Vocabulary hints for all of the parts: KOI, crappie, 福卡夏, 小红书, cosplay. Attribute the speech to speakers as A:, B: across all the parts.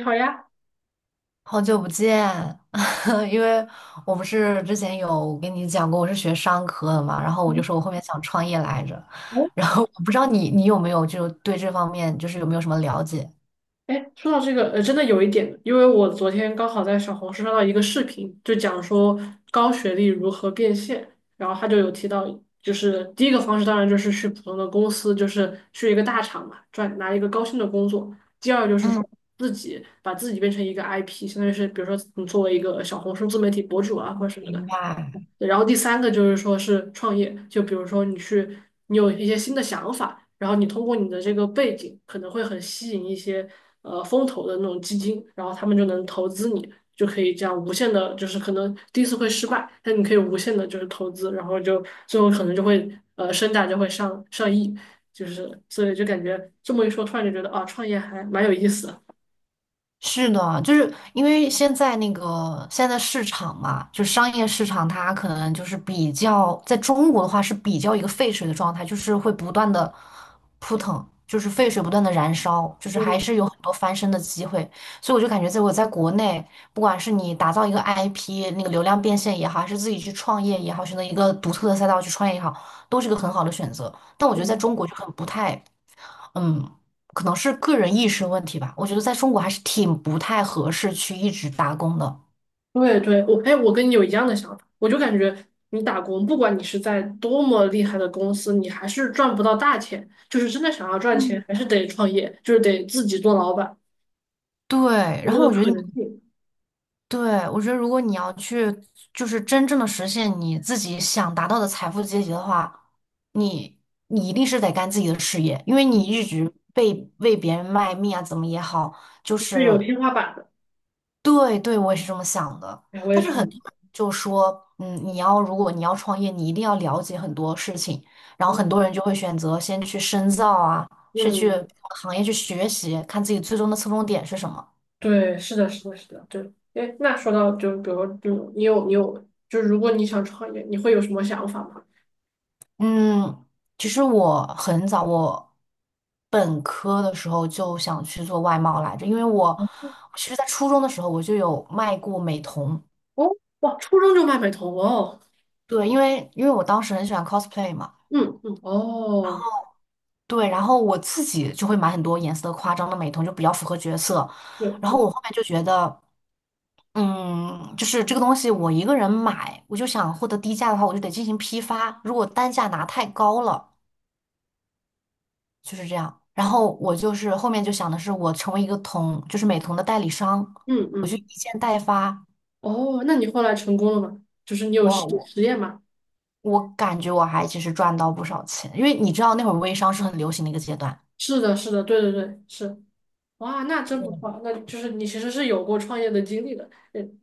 A: 你好呀。
B: 好久不见，因为我不是之前有跟你讲过我是学商科的嘛，然后我就
A: 嗯。
B: 说我后面想创业来着，
A: 哦。
B: 然后我不知道你有没有就对这方面就是有没有什么了解？
A: 哎，说到这个，真的有一点，因为我昨天刚好在小红书刷到一个视频，就讲说高学历如何变现，然后他就有提到，就是第一个方式当然就是去普通的公司，就是去一个大厂嘛，赚拿一个高薪的工作；第二就是
B: 嗯，
A: 说自己把自己变成一个 IP，相当于是比如说你作为一个小红书自媒体博主啊或者什么的。
B: 明白。
A: 对，然后第三个就是说是创业，就比如说你去，你有一些新的想法，然后你通过你的这个背景，可能会很吸引一些风投的那种基金，然后他们就能投资你，就可以这样无限的，就是可能第一次会失败，但你可以无限的就是投资，然后就最后可能就会身价就会上亿，就是所以就感觉这么一说，突然就觉得啊，创业还蛮有意思的。
B: 是的，就是因为现在那个现在的市场嘛，就是商业市场，它可能就是比较在中国的话是比较一个沸水的状态，就是会不断的扑腾，就是沸水不断的燃烧，就是还是有很多翻身的机会。所以我就感觉，在国内，不管是你打造一个 IP,那个流量变现也好，还是自己去创业也好，选择一个独特的赛道去创业也好，都是一个很好的选择。但我觉得在中国就很不太，嗯，可能是个人意识问题吧。我觉得在中国还是挺不太合适去一直打工的。
A: 对对，我哎，我跟你有一样的想法，我就感觉你打工，不管你是在多么厉害的公司，你还是赚不到大钱。就是真的想要赚钱，
B: 嗯。
A: 还是得创业，就是得自己做老板。
B: 对，
A: 有
B: 然
A: 这
B: 后
A: 个
B: 我觉得
A: 可能性。
B: 对，我觉得如果你要去，就是真正的实现你自己想达到的财富阶级的话，你你一定是得干自己的事业，因为你一
A: 嗯，
B: 直被为别人卖命啊，怎么也好，就
A: 是有
B: 是
A: 天花板的。
B: 对对，我也是这么想的。
A: 哎，我也
B: 但是
A: 同
B: 很
A: 意。
B: 多人就说，嗯，你要如果你要创业，你一定要了解很多事情。然后很多人就会选择先去深造啊，先去
A: 嗯，
B: 行业去学习，看自己最终的侧重点是什么。
A: 对，是的，是的，是的，对。哎，那说到就比如说，就你有就是如果你想创业，你会有什么想法吗？
B: 嗯，其实我很早，我本科的时候就想去做外贸来着，因为我其实在初中的时候我就有卖过美瞳。
A: 哦，哇，初中就卖美瞳哦。
B: 对，因为我当时很喜欢 cosplay 嘛。
A: 嗯嗯，哦，
B: 对，然后我自己就会买很多颜色夸张的美瞳，就比较符合角色。
A: 对
B: 然后
A: 对。
B: 我后面就觉得，嗯，就是这个东西我一个人买，我就想获得低价的话，我就得进行批发。如果单价拿太高了，就是这样。然后我就是后面就想的是，我成为一个同，就是美瞳的代理商，
A: 嗯
B: 我去
A: 嗯。
B: 一件代发。
A: 哦，那你后来成功了吗？就是你有
B: 我我
A: 实验吗？
B: 我感觉我还其实赚到不少钱，因为你知道那会儿微商是很流行的一个阶段。
A: 是的，是的，对对对，是。哇，那真不错，那就是你其实是有过创业的经历的。嗯。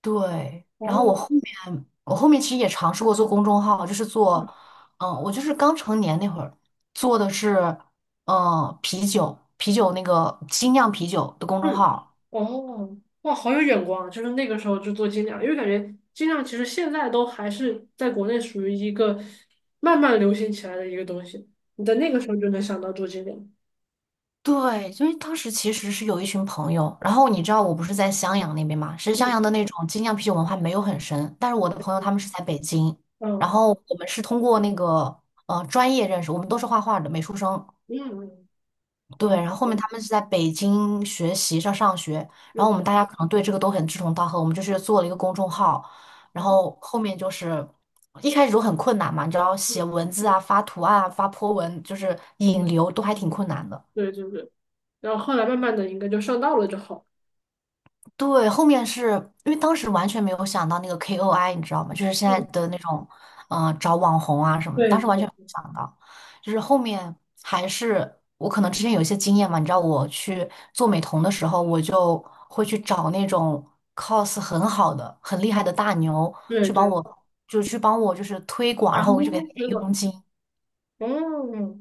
B: 对，然后我
A: 哦。
B: 后面我后面其实也尝试过做公众号，就是做，
A: 嗯。
B: 嗯，我就是刚成年那会儿做的是，嗯，啤酒啤酒那个精酿啤酒的公众
A: 嗯，
B: 号。
A: 哦，哇，好有眼光啊！就是那个时候就做精酿，因为感觉精酿其实现在都还是在国内属于一个慢慢流行起来的一个东西。你在那个时候就能想到做精酿。
B: 对，因为当时其实是有一群朋友，然后你知道我不是在襄阳那边嘛，其实襄
A: 嗯
B: 阳的那种精酿啤酒文化没有很深，但是我的朋友他们是在北京，然
A: 嗯。
B: 后我们是通过那个专业认识，我们都是画画的美术生。
A: 嗯嗯。
B: 对，
A: 嗯
B: 然后后面他们是在北京学习上上学，然后我
A: 嗯，
B: 们大家可能对这个都很志同道合，我们就是做了一个公众号，然
A: 嗯。
B: 后后面就是一开始都很困难嘛，你知道写文字啊、发图案啊、发 po 文，就是引流都还挺困难的。
A: 对对对。然后后来慢慢的应该就上道了就好了。
B: 对，后面是因为当时完全没有想到那个 KOI,你知道吗？就是现
A: 嗯。
B: 在的那种，找网红啊什么的，
A: 对
B: 当时完全没有想到。就是后面还是我可能之前有一些经验嘛，你知道我去做美瞳的时候，我就会去找那种 cos 很好的、很厉害的大牛
A: 对
B: 去帮
A: 对，
B: 我，就去帮我就是推广，然
A: 皇
B: 后我就给
A: 宫
B: 他
A: 水
B: 一佣
A: 管。
B: 金。
A: 哦。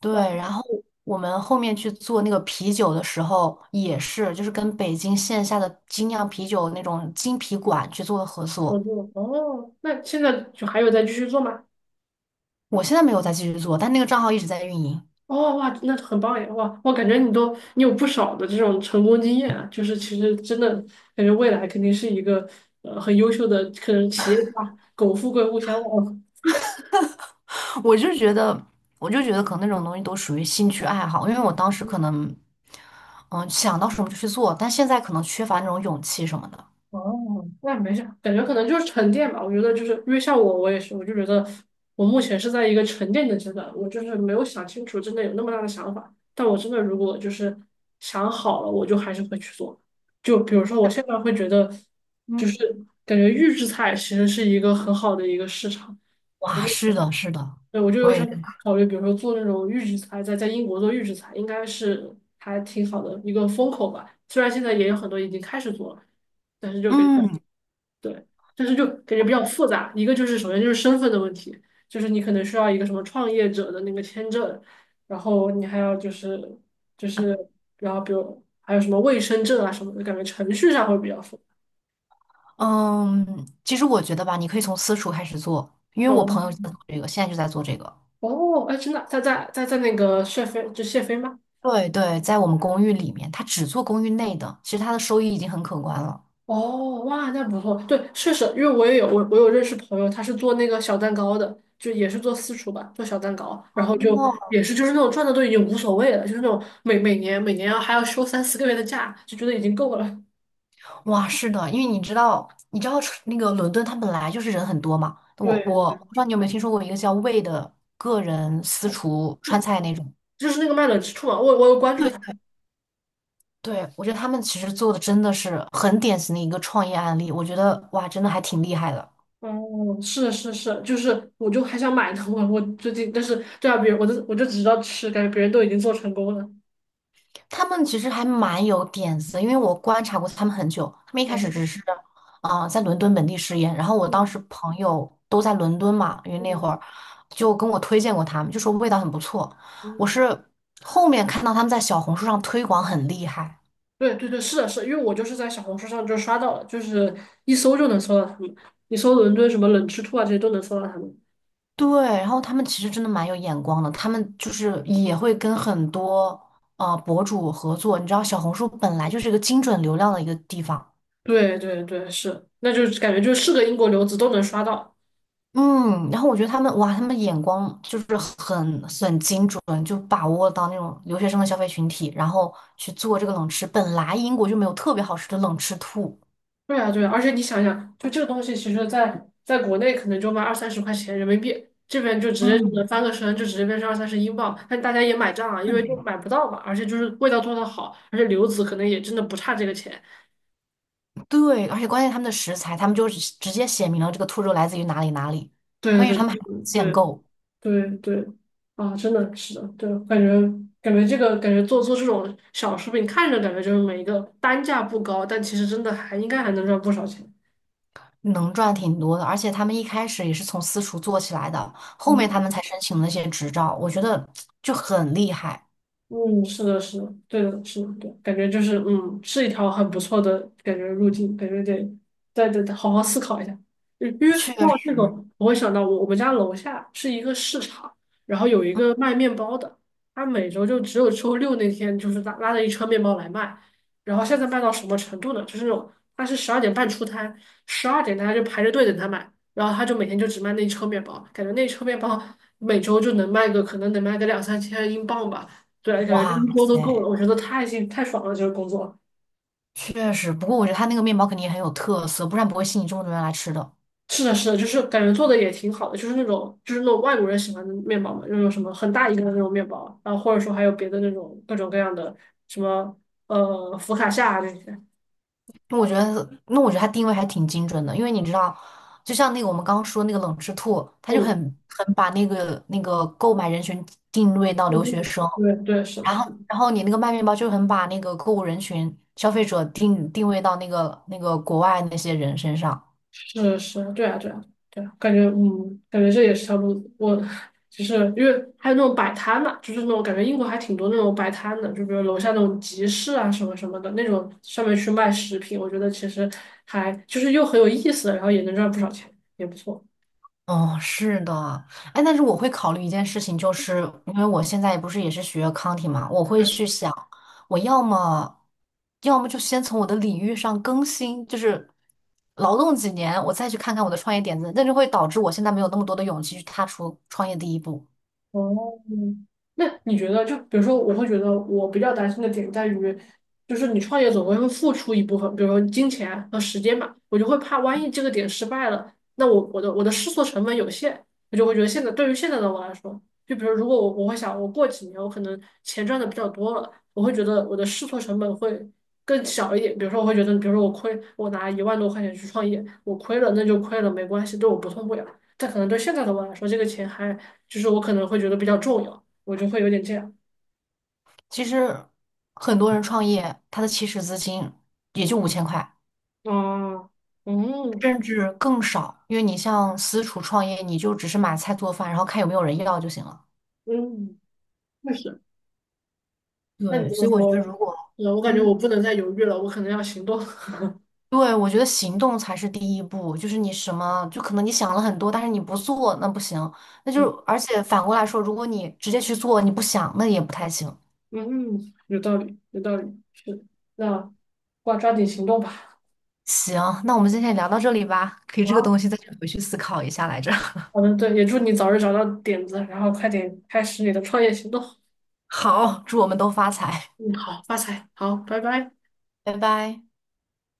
B: 对，
A: 哇。
B: 然后我们后面去做那个啤酒的时候，也是就是跟北京线下的精酿啤酒那种精啤馆去做的合
A: 合
B: 作。
A: 作哦，那现在就还有在继续做吗？
B: 我现在没有再继续做，但那个账号一直在运营。
A: 哦，哇，那很棒呀，哇，我感觉你都有不少的这种成功经验啊，就是其实真的感觉未来肯定是一个很优秀的，可能企业家，苟富贵勿相 忘。
B: 我就觉得，我就觉得可能那种东西都属于兴趣爱好，因为我当时可能，嗯，想到什么就去做，但现在可能缺乏那种勇气什么的。
A: 哦，那没事，感觉可能就是沉淀吧。我觉得就是因为像我，我也是，我就觉得我目前是在一个沉淀的阶段，我就是没有想清楚，真的有那么大的想法。但我真的如果就是想好了，我就还是会去做。就比如说，我现在会觉得，就
B: 嗯，
A: 是感觉预制菜其实是一个很好的一个市场。我
B: 哇，
A: 就
B: 是的，是的，
A: 对我就
B: 我
A: 有
B: 也
A: 想
B: 认，
A: 考虑，比如说做那种预制菜，在英国做预制菜，应该是还挺好的一个风口吧。虽然现在也有很多已经开始做了。但是就
B: 嗯
A: 对，但是就感觉比较复杂。一个就是首先就是身份的问题，就是你可能需要一个什么创业者的那个签证，然后你还要就是，然后比如还有什么卫生证啊什么的，感觉程序上会比较复杂。
B: 嗯，其实我觉得吧，你可以从私厨开始做，因为我
A: 哦。
B: 朋友就在做这个，现在就在做这个。
A: 哦，哎，真的，在那个谢飞就谢飞吗？
B: 对对，在我们公寓里面，他只做公寓内的，其实他的收益已经很可观了。
A: 哦，哇，那不错。对，确实，因为我也有我有认识朋友，他是做那个小蛋糕的，就也是做私厨吧，做小蛋糕，然后就
B: 哦，
A: 也是就是那种赚的都已经无所谓了，就是那种每年要还要休3、4个月的假，就觉得已经够了。
B: 哇，是的，因为你知道，你知道那个伦敦，它本来就是人很多嘛。我
A: 对，
B: 我
A: 对
B: 不知道你有没有听说过一个叫魏的个人私厨川菜那种。
A: 就是那个卖冷之处嘛，我有关注他。
B: 对，我觉得他们其实做的真的是很典型的一个创业案例，我觉得哇，真的还挺厉害的。
A: 哦，是是是，就是我就还想买呢，我最近，但是对啊，别人我就只知道吃，感觉别人都已经做成功了。
B: 他们其实还蛮有点子的，因为我观察过他们很久。他们一开始
A: 哦。
B: 只是，啊在伦敦本地试验。然后我当
A: 嗯
B: 时朋友都在伦敦嘛，因为那
A: 嗯
B: 会儿就跟我推荐过他们，就说味道很不错。我
A: 嗯。
B: 是后面看到他们在小红书上推广很厉害。
A: 对对对，是的，是的因为我就是在小红书上就刷到了，就是一搜就能搜到他们，你搜伦敦什么冷吃兔啊这些都能搜到他们。
B: 对。然后他们其实真的蛮有眼光的，他们就是也会跟很多博主合作。你知道，小红书本来就是一个精准流量的一个地方。
A: 对对对，是，那就是感觉就是个英国留子都能刷到。
B: 嗯，然后我觉得他们哇，他们眼光就是很精准，就把握到那种留学生的消费群体，然后去做这个冷吃。本来英国就没有特别好吃的冷吃兔，
A: 对啊对啊，而且你想想，就这个东西，其实在国内可能就卖二三十块钱人民币，这边就直接就能
B: 嗯，
A: 翻个身，就直接变成二三十英镑，但大家也买账啊，因为就买不到嘛，而且就是味道做的好，而且留子可能也真的不差这个钱。
B: 对，而且关键他们的食材，他们就直接写明了这个兔肉来自于哪里哪里。
A: 对
B: 关键
A: 对
B: 是他们还限
A: 对对。
B: 购，
A: 对对。啊，真的是的，对，感觉感觉这个感觉做这种小食品，看着感觉就是每一个单价不高，但其实真的还应该还能赚不少钱。
B: 能赚挺多的，而且他们一开始也是从私厨做起来的，后面他们才申请了那些执照，我觉得就很厉害，
A: 嗯，是的，是的，对的，是的，对，感觉就是嗯，是一条很不错的感觉路径，感觉得再得好好思考一下。嗯，因为
B: 确
A: 说到这个，
B: 实，
A: 我会想到我们家楼下是一个市场，然后有一个卖面包的，他每周就只有周六那天就是拉着一车面包来卖，然后现在卖到什么程度呢？就是那种他是12:30出摊，十二点大家就排着队等他买，然后他就每天就只卖那一车面包，感觉那一车面包每周就能卖个两三千英镑吧。对，感觉就
B: 哇
A: 一周都够了，
B: 塞。
A: 我觉得太幸太爽了，这个工作。
B: 确实，不过我觉得他那个面包肯定也很有特色，不然不会吸引这么多人来吃的。
A: 是的，是的，就是感觉做的也挺好的，就是那种就是那种外国人喜欢的面包嘛，那种什么很大一个的那种面包，然后或者说还有别的那种各种各样的什么福卡夏啊这些。
B: 那我觉得他定位还挺精准的，因为你知道，就像那个我们刚刚说那个冷吃兔，他就很
A: 嗯，
B: 很把那个购买人群定位到
A: 我
B: 留
A: 不
B: 学生，
A: 对对是。
B: 然后你那个卖面包就很把那个购物人群消费者定位到那个国外那些人身上。
A: 是是，对啊，对啊，对啊，感觉嗯，感觉这也是条路子。我就是因为还有那种摆摊嘛，就是那种感觉英国还挺多那种摆摊的，就比如楼下那种集市啊什么什么的那种，上面去卖食品，我觉得其实还就是又很有意思，然后也能赚不少钱，也不错。
B: 哦，是的，哎，但是我会考虑一件事情，就是因为我现在不是也是学 a c o u n t i 嘛，我会
A: 对。
B: 去想，我要么就先从我的领域上更新，就是劳动几年，我再去看看我的创业点子，那就会导致我现在没有那么多的勇气去踏出创业第一步。
A: 哦，那你觉得，就比如说，我会觉得我比较担心的点在于，就是你创业总归会付出一部分，比如说金钱和时间嘛，我就会怕万一这个点失败了，那我的试错成本有限，我就会觉得现在对于现在的我来说，就比如如果我会想，我过几年我可能钱赚的比较多了，我会觉得我的试错成本会更小一点，比如说我会觉得，比如说我亏，我拿1万多块钱去创业，我亏了那就亏了，没关系，对我不痛不痒。但可能对现在的我来说，这个钱还就是我可能会觉得比较重要，我就会有点这样。
B: 其实很多人创业，他的起始资金也就5000块，
A: 啊。嗯
B: 甚至更少，因为你像私厨创业，你就只是买菜做饭，然后看有没有人要就行了。
A: 嗯，确实。那你
B: 对，
A: 这么
B: 所以我觉得
A: 说，
B: 如果，
A: 我感觉
B: 嗯，
A: 我不能再犹豫了，我可能要行动。
B: 对，我觉得行动才是第一步，就是你什么，就可能你想了很多，但是你不做，那不行。那就
A: 嗯
B: 是，而且反过来说，如果你直接去做，你不想，那也不太行。
A: 嗯，有道理，有道理，是的，那抓紧行动吧。
B: 行，那我们今天也聊到这里吧，可以这个
A: 好，
B: 东西再去回去思考一下来着。
A: 好的，对，也祝你早日找到点子，然后快点开始你的创业行动。
B: 好，祝我们都发财，
A: 嗯，好，发财，好，拜拜。
B: 拜拜。